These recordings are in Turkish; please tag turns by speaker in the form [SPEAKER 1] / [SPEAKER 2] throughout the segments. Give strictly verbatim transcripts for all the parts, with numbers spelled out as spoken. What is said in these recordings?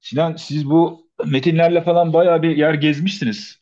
[SPEAKER 1] Sinan, siz bu metinlerle falan bayağı bir yer gezmişsiniz.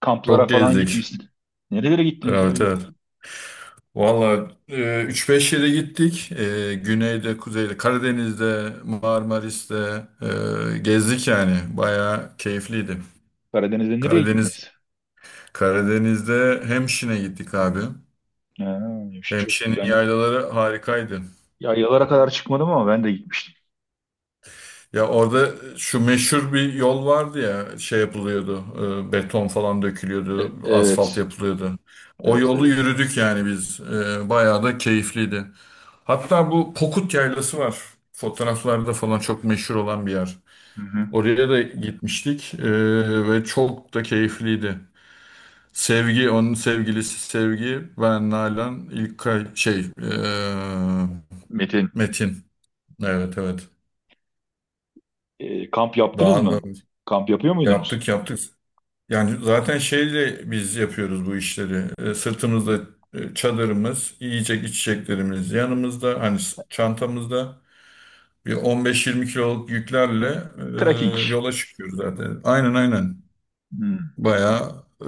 [SPEAKER 1] Kamplara
[SPEAKER 2] Çok
[SPEAKER 1] falan
[SPEAKER 2] gezdik.
[SPEAKER 1] gitmişsiniz. Nerelere gittiniz ya?
[SPEAKER 2] Evet,
[SPEAKER 1] Bir
[SPEAKER 2] evet. Valla üç beş yere gittik. E, güneyde, kuzeyde, Karadeniz'de, Marmaris'te e, gezdik yani. Bayağı keyifliydi.
[SPEAKER 1] Karadeniz'de nereye
[SPEAKER 2] Karadeniz
[SPEAKER 1] gittiniz?
[SPEAKER 2] Karadeniz'de Hemşin'e gittik abi.
[SPEAKER 1] Ha, yavşı çok.
[SPEAKER 2] Hemşin'in
[SPEAKER 1] Ben
[SPEAKER 2] yaylaları harikaydı.
[SPEAKER 1] yaylalara kadar çıkmadım ama ben de gitmiştim.
[SPEAKER 2] Ya orada şu meşhur bir yol vardı ya şey yapılıyordu. E, beton falan dökülüyordu,
[SPEAKER 1] E-
[SPEAKER 2] asfalt
[SPEAKER 1] evet.
[SPEAKER 2] yapılıyordu. O
[SPEAKER 1] Evet,
[SPEAKER 2] yolu
[SPEAKER 1] evet.
[SPEAKER 2] yürüdük yani biz. E, bayağı da keyifliydi. Hatta bu Pokut Yaylası var. Fotoğraflarda falan çok meşhur olan bir yer.
[SPEAKER 1] Hı hı.
[SPEAKER 2] Oraya da gitmiştik eee, ve çok da keyifliydi. Sevgi, onun sevgilisi Sevgi, ben Nalan, ilk şey eee,
[SPEAKER 1] Metin.
[SPEAKER 2] Metin. Evet, evet.
[SPEAKER 1] E, kamp yaptınız
[SPEAKER 2] Daha da
[SPEAKER 1] mı? Kamp yapıyor muydunuz?
[SPEAKER 2] yaptık yaptık. Yani zaten şeyle biz yapıyoruz bu işleri. E, sırtımızda e, çadırımız, yiyecek içeceklerimiz yanımızda, hani s- çantamızda. Bir on beş yirmi kiloluk yüklerle e,
[SPEAKER 1] Trekking.
[SPEAKER 2] yola çıkıyoruz zaten. Aynen, aynen.
[SPEAKER 1] Hmm,
[SPEAKER 2] Bayağı e,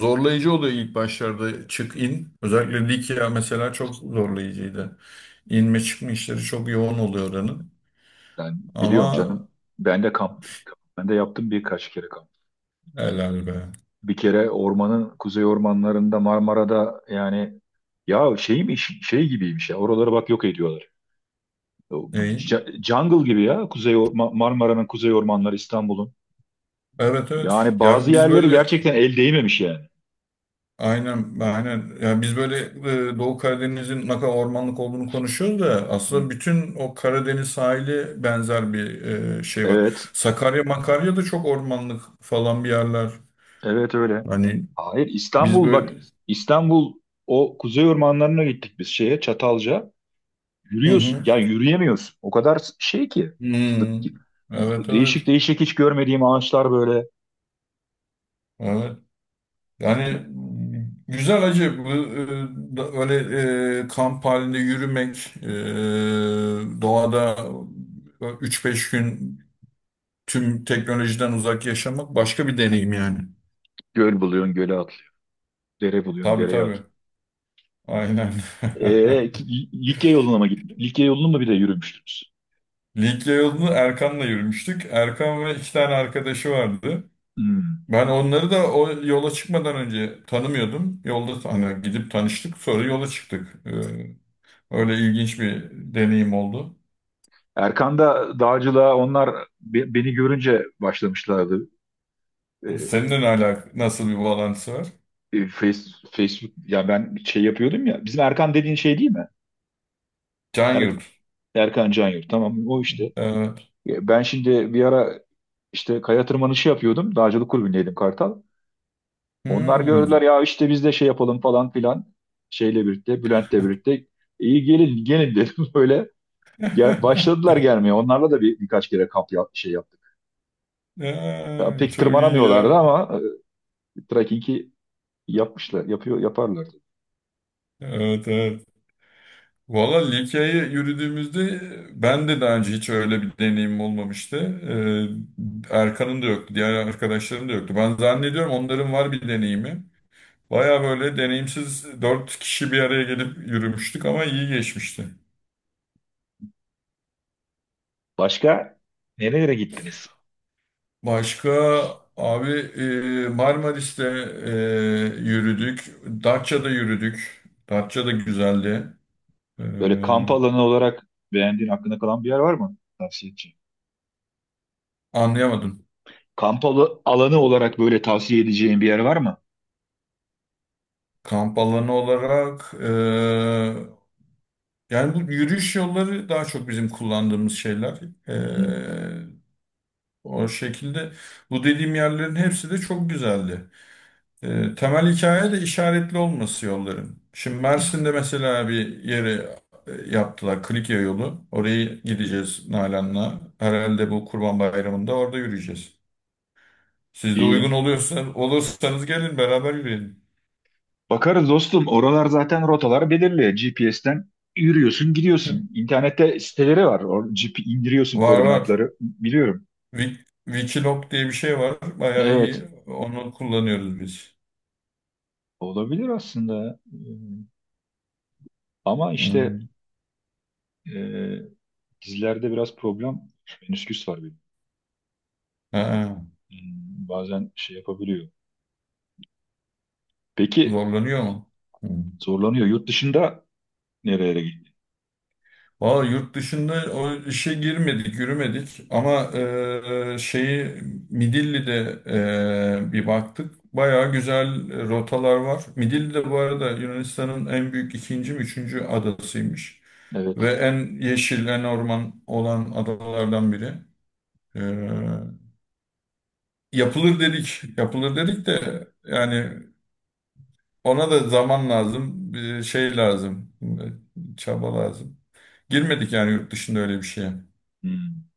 [SPEAKER 2] zorlayıcı oluyor ilk başlarda çık in. Özellikle Likya mesela çok zorlayıcıydı. İnme çıkma işleri çok yoğun oluyor oranın.
[SPEAKER 1] ben biliyorum
[SPEAKER 2] Ama
[SPEAKER 1] canım. Ben de kamp. Ben de yaptım birkaç kere kamp.
[SPEAKER 2] helal be.
[SPEAKER 1] Bir kere ormanın kuzey ormanlarında Marmara'da yani ya şey mi, şey gibiymiş ya, oraları bak yok ediyorlar. O
[SPEAKER 2] İyi.
[SPEAKER 1] j- Jungle gibi ya, kuzey Or- Ma- Marmara'nın kuzey ormanları İstanbul'un.
[SPEAKER 2] Evet, evet.
[SPEAKER 1] Yani bazı
[SPEAKER 2] Ya biz
[SPEAKER 1] yerleri
[SPEAKER 2] böyle
[SPEAKER 1] gerçekten el değmemiş yani.
[SPEAKER 2] aynen, aynen. Ya biz böyle e, Doğu Karadeniz'in ne kadar ormanlık olduğunu konuşuyoruz da
[SPEAKER 1] Hı.
[SPEAKER 2] aslında bütün o Karadeniz sahili benzer bir e, şey var.
[SPEAKER 1] Evet,
[SPEAKER 2] Sakarya, Makarya da çok ormanlık falan bir yerler.
[SPEAKER 1] evet öyle.
[SPEAKER 2] Hani
[SPEAKER 1] Hayır,
[SPEAKER 2] biz
[SPEAKER 1] İstanbul bak,
[SPEAKER 2] böyle.
[SPEAKER 1] İstanbul o kuzey ormanlarına gittik biz şeye Çatalca.
[SPEAKER 2] Hı
[SPEAKER 1] Yürüyorsun
[SPEAKER 2] hı.
[SPEAKER 1] ya, yürüyemiyorsun. O kadar şey ki, sık
[SPEAKER 2] Hmm.
[SPEAKER 1] ki.
[SPEAKER 2] Evet, evet.
[SPEAKER 1] Değişik değişik hiç görmediğim ağaçlar böyle,
[SPEAKER 2] Evet. Yani güzel acı bu e, da- öyle e, kamp halinde yürümek e, doğada üç beş gün tüm teknolojiden uzak yaşamak başka bir deneyim yani.
[SPEAKER 1] göl buluyorsun göle, dere buluyorsun,
[SPEAKER 2] Tabii,
[SPEAKER 1] dereye
[SPEAKER 2] tabii.
[SPEAKER 1] atılıyor.
[SPEAKER 2] Aynen.
[SPEAKER 1] Ee, ki- Likya yoluna mı gittin? Likya yolunu mu bir de yürümüştünüz?
[SPEAKER 2] Likya yolunu Erkan'la yürümüştük. Erkan ve iki tane arkadaşı vardı.
[SPEAKER 1] Hmm.
[SPEAKER 2] Ben onları da o yola çıkmadan önce tanımıyordum. Yolda hani gidip tanıştık, sonra yola çıktık. Ee, öyle ilginç bir deneyim oldu.
[SPEAKER 1] Erkan da dağcılığa onlar be- beni görünce başlamışlardı. Ee,
[SPEAKER 2] Seninle ne alak nasıl bir bağlantısı var?
[SPEAKER 1] e, face, Facebook, ya ben şey yapıyordum ya. Bizim Erkan dediğin şey değil mi?
[SPEAKER 2] Can
[SPEAKER 1] Er-
[SPEAKER 2] Yurt.
[SPEAKER 1] Erkan Canyurt, tamam o işte.
[SPEAKER 2] Evet.
[SPEAKER 1] Ya ben şimdi bir ara işte kaya tırmanışı yapıyordum. Dağcılık kulübündeydim, Kartal. Onlar
[SPEAKER 2] Hmm.
[SPEAKER 1] gördüler ya, işte biz de şey yapalım falan filan. Şeyle birlikte, Bülent'le birlikte. İyi, gelin gelin dedim böyle. Gel, başladılar gelmeye. Onlarla da bir, birkaç kere kamp yap, şey yaptık. Ya,
[SPEAKER 2] Ee,
[SPEAKER 1] pek
[SPEAKER 2] çok iyi
[SPEAKER 1] tırmanamıyorlardı
[SPEAKER 2] ya.
[SPEAKER 1] ama e, trekkingi yapmışlar, yapıyor, yaparlardı.
[SPEAKER 2] Evet, evet. Valla Likya'ya yürüdüğümüzde ben de daha önce hiç öyle bir deneyimim olmamıştı. Ee, Erkan'ın da yoktu, diğer arkadaşların da yoktu. Ben zannediyorum onların var bir deneyimi. Baya böyle deneyimsiz dört kişi bir araya gelip yürümüştük ama iyi geçmişti.
[SPEAKER 1] Başka nerelere gittiniz?
[SPEAKER 2] Başka abi e, Marmaris'te e, yürüdük, Datça'da yürüdük. Datça da güzeldi. Ee,
[SPEAKER 1] Böyle kamp alanı olarak beğendiğin, aklına kalan bir yer var mı? Tavsiye edeceğim.
[SPEAKER 2] anlayamadım.
[SPEAKER 1] Kamp alı- alanı olarak böyle tavsiye edeceğin bir yer var mı?
[SPEAKER 2] Kamp alanı olarak e, yani bu yürüyüş yolları daha çok bizim kullandığımız şeyler.
[SPEAKER 1] Hmm,
[SPEAKER 2] Ee, O şekilde bu dediğim yerlerin hepsi de çok güzeldi. Ee, temel hikaye de işaretli olması yolların. Şimdi
[SPEAKER 1] hmm.
[SPEAKER 2] Mersin'de mesela bir yere e, yaptılar Klikya yolu. Oraya gideceğiz Nalan'la. Herhalde bu Kurban Bayramı'nda orada yürüyeceğiz. Siz de uygun
[SPEAKER 1] İyi.
[SPEAKER 2] oluyorsa, olursanız gelin beraber yürüyelim.
[SPEAKER 1] Bakarız dostum. Oralar zaten rotalar belirli. G P S'ten yürüyorsun, gidiyorsun. İnternette siteleri var. Or G P indiriyorsun
[SPEAKER 2] Var, var.
[SPEAKER 1] koordinatları. Biliyorum.
[SPEAKER 2] Wik- Wikiloc diye bir şey var. Bayağı
[SPEAKER 1] Evet.
[SPEAKER 2] iyi. Onu kullanıyoruz biz.
[SPEAKER 1] Olabilir aslında. Hmm, ama işte
[SPEAKER 2] Hmm.
[SPEAKER 1] e, dizilerde biraz problem, menisküs var benim.
[SPEAKER 2] Ha,
[SPEAKER 1] Hmm, bazen şey yapabiliyor. Peki
[SPEAKER 2] zorlanıyor mu? Hı.
[SPEAKER 1] zorlanıyor. Yurt dışında nerelere gitti?
[SPEAKER 2] Valla yurt dışında o işe girmedik, yürümedik ama e, şeyi Midilli'de e, bir baktık. Bayağı güzel rotalar var. Midilli de bu arada Yunanistan'ın en büyük ikinci mi üçüncü adasıymış. Ve
[SPEAKER 1] Evet.
[SPEAKER 2] en yeşil, en orman olan adalardan biri. E, Yapılır dedik, yapılır dedik de yani ona da zaman lazım, bir şey lazım, çaba lazım. Girmedik yani yurt dışında öyle bir şeye.
[SPEAKER 1] Hmm.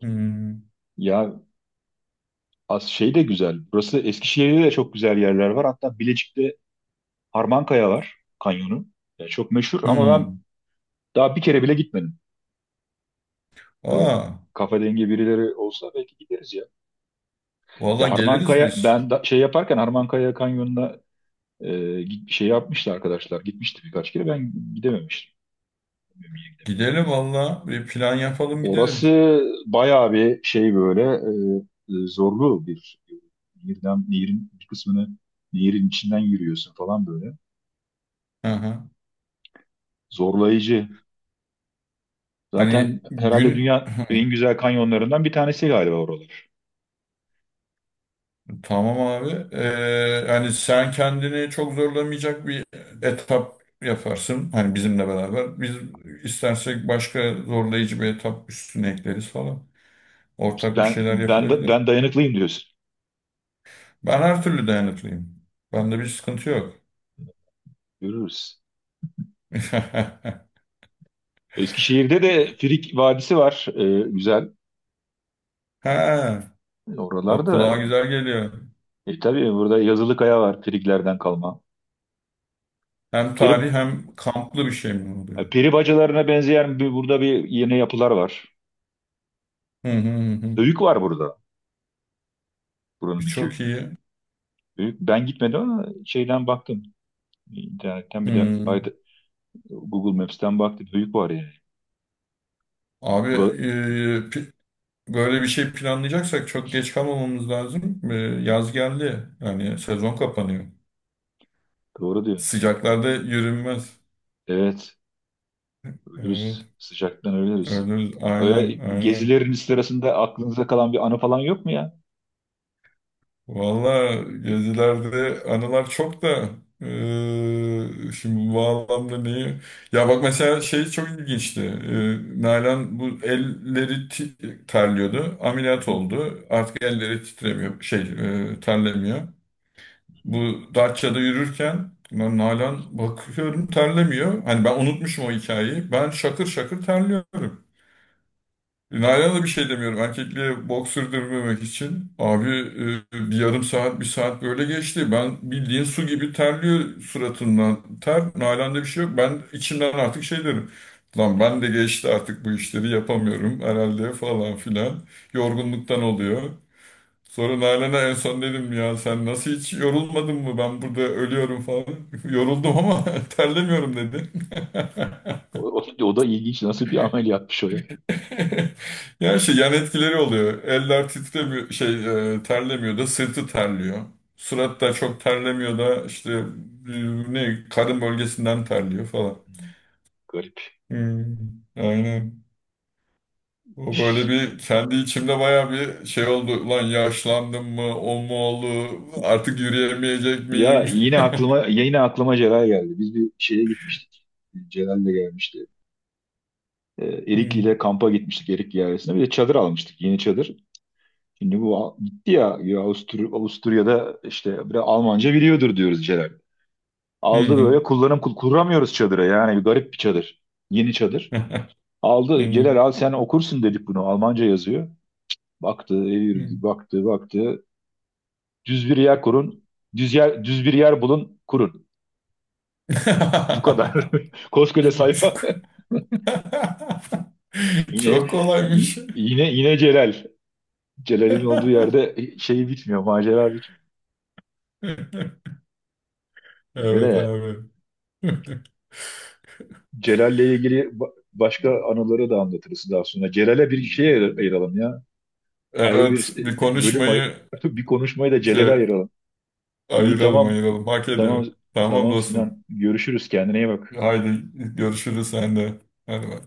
[SPEAKER 2] Hmm.
[SPEAKER 1] Ya, az şey de güzel. Burası Eskişehir'de de çok güzel yerler var. Hatta Bilecik'te Harmankaya var, kanyonu. Ya çok meşhur ama ben
[SPEAKER 2] Hmm.
[SPEAKER 1] daha bir kere bile gitmedim. Böyle
[SPEAKER 2] Aa,
[SPEAKER 1] kafa dengi birileri olsa belki gideriz ya.
[SPEAKER 2] valla
[SPEAKER 1] Ya
[SPEAKER 2] geliriz
[SPEAKER 1] Harmankaya
[SPEAKER 2] biz.
[SPEAKER 1] ben da, şey yaparken Harmankaya kanyonuna Ee, git- şey yapmıştı arkadaşlar. Gitmişti birkaç kere. Ben gidememiştim. Bilmiyorum, gidemedim.
[SPEAKER 2] Gidelim valla. Bir plan yapalım gidelim.
[SPEAKER 1] Orası bayağı bir şey, böyle e, e, zorlu bir nehirden, nehirin bir kısmını, nehirin içinden yürüyorsun falan böyle.
[SPEAKER 2] Hı hı.
[SPEAKER 1] Zorlayıcı. Zaten
[SPEAKER 2] Hani
[SPEAKER 1] herhalde
[SPEAKER 2] gün
[SPEAKER 1] dünya en güzel kanyonlarından bir tanesi galiba oralar.
[SPEAKER 2] tamam abi. Ee, hani sen kendini çok zorlamayacak bir etap yaparsın. Hani bizimle beraber. Biz istersek başka zorlayıcı bir etap üstüne ekleriz falan.
[SPEAKER 1] İşte
[SPEAKER 2] Ortak bir
[SPEAKER 1] Ben
[SPEAKER 2] şeyler
[SPEAKER 1] ben da-
[SPEAKER 2] yapılabilir.
[SPEAKER 1] ben dayanıklıyım diyorsun.
[SPEAKER 2] Ben her türlü dayanıklıyım. Bende bir sıkıntı yok.
[SPEAKER 1] Görürüz. Eskişehir'de de Frig Vadisi var. Ee, güzel.
[SPEAKER 2] Ha, o
[SPEAKER 1] Oralarda
[SPEAKER 2] kulağa güzel geliyor.
[SPEAKER 1] e, tabii burada yazılı kaya var, Friglerden kalma.
[SPEAKER 2] Hem
[SPEAKER 1] Peri,
[SPEAKER 2] tarih hem kamplı bir şey mi
[SPEAKER 1] E,
[SPEAKER 2] oluyor?
[SPEAKER 1] Peri bacalarına benzeyen bir, burada bir yeni yapılar var.
[SPEAKER 2] Hı hı hı, hı.
[SPEAKER 1] Höyük var burada.
[SPEAKER 2] E,
[SPEAKER 1] Buranın bir
[SPEAKER 2] çok
[SPEAKER 1] köyünde.
[SPEAKER 2] iyi.
[SPEAKER 1] Höyük, ben gitmedim ama şeyden baktım. İnternetten bir de
[SPEAKER 2] Hı.
[SPEAKER 1] ayda- Google Maps'ten baktım. Höyük var yani.
[SPEAKER 2] Abi
[SPEAKER 1] Bura,
[SPEAKER 2] e, pi- böyle bir şey planlayacaksak çok geç kalmamamız lazım. E, yaz geldi. Yani sezon kapanıyor.
[SPEAKER 1] doğru diyor.
[SPEAKER 2] Sıcaklarda yürünmez.
[SPEAKER 1] Evet.
[SPEAKER 2] Evet.
[SPEAKER 1] Ölürüz. Sıcaktan ölürüz.
[SPEAKER 2] Öyle, aynen,
[SPEAKER 1] Öyle
[SPEAKER 2] aynen.
[SPEAKER 1] gezilerin sırasında aklınıza kalan bir anı falan yok mu ya?
[SPEAKER 2] Valla gezilerde anılar çok da eee, şimdi bu anlamda neyi? Ya bak mesela şey çok ilginçti. Eee Nalan bu elleri ti- terliyordu.
[SPEAKER 1] Hı
[SPEAKER 2] Ameliyat
[SPEAKER 1] hı.
[SPEAKER 2] oldu. Artık elleri titremiyor. Şey eee, terlemiyor. Bu Datça'da yürürken ben Nalan bakıyorum terlemiyor. Hani ben unutmuşum o hikayeyi. Ben şakır şakır terliyorum. Nalan'a da bir şey demiyorum. Erkekliğe bok sürdürmemek için. Abi e, bir yarım saat, bir saat böyle geçti. Ben bildiğin su gibi terliyor suratından. Ter, Nalan'da bir şey yok. Ben içimden artık şey derim. Lan ben de geçti artık bu işleri yapamıyorum herhalde falan filan. Yorgunluktan oluyor. Sonra Nalan'a en son dedim ya sen nasıl hiç yorulmadın mı? Ben burada ölüyorum falan. Yoruldum ama terlemiyorum dedi.
[SPEAKER 1] O, o o da ilginç. Nasıl bir amel yapmış o ya? Hı,
[SPEAKER 2] Yani şey yan etkileri oluyor. Eller titremiyor, şey e, terlemiyor da sırtı terliyor. Surat da çok terlemiyor da işte e, ne karın bölgesinden terliyor falan.
[SPEAKER 1] garip.
[SPEAKER 2] Hmm, aynen. O böyle bir kendi içimde baya bir şey oldu. Lan yaşlandım mı? O mu oldu? Artık yürüyemeyecek
[SPEAKER 1] Ya
[SPEAKER 2] miyim?
[SPEAKER 1] yine aklıma, yine aklıma Celal geldi. Biz bir şeye gitmiştik. Celal de gelmişti. E, Erikli
[SPEAKER 2] Hmm.
[SPEAKER 1] ile kampa gitmiştik, Erikli ailesine. Bir de çadır almıştık. Yeni çadır. Şimdi bu al- gitti ya, ya Avustur- Avusturya'da işte bir Almanca biliyordur diyoruz Celal.
[SPEAKER 2] Hı
[SPEAKER 1] Aldı
[SPEAKER 2] hı.
[SPEAKER 1] böyle, kullanım kul- kuramıyoruz çadıra. Yani bir garip bir çadır. Yeni çadır. Aldı
[SPEAKER 2] Hı
[SPEAKER 1] Celal, al sen okursun dedik bunu. Almanca yazıyor. Baktı, evirdi,
[SPEAKER 2] hı.
[SPEAKER 1] baktı, baktı. Düz bir yer kurun. Düz yer, düz bir yer bulun, kurun. Bu kadar. Koskoca sayfa. Yine
[SPEAKER 2] Çok
[SPEAKER 1] y-
[SPEAKER 2] kolaymış.
[SPEAKER 1] yine Yine Celal. Celal'in olduğu yerde şey bitmiyor, macera bitmiyor. Öyle
[SPEAKER 2] Evet
[SPEAKER 1] yani.
[SPEAKER 2] abi.
[SPEAKER 1] Celal'le ilgili ba- başka anıları da anlatırız daha sonra. Celal'e bir şey ayır- Ayıralım ya. Ayrı
[SPEAKER 2] Evet
[SPEAKER 1] bir
[SPEAKER 2] bir
[SPEAKER 1] e, e, bölüm ay-
[SPEAKER 2] konuşmayı
[SPEAKER 1] Bir konuşmayı da Celal'e
[SPEAKER 2] şey,
[SPEAKER 1] ayıralım. İyi,
[SPEAKER 2] ayıralım,
[SPEAKER 1] tamam.
[SPEAKER 2] ayıralım. Hak
[SPEAKER 1] Tamam.
[SPEAKER 2] ediyor. Tamam
[SPEAKER 1] Tamam
[SPEAKER 2] dostum.
[SPEAKER 1] Sinan. Görüşürüz. Kendine iyi bak.
[SPEAKER 2] Haydi görüşürüz sen de. Hadi bay.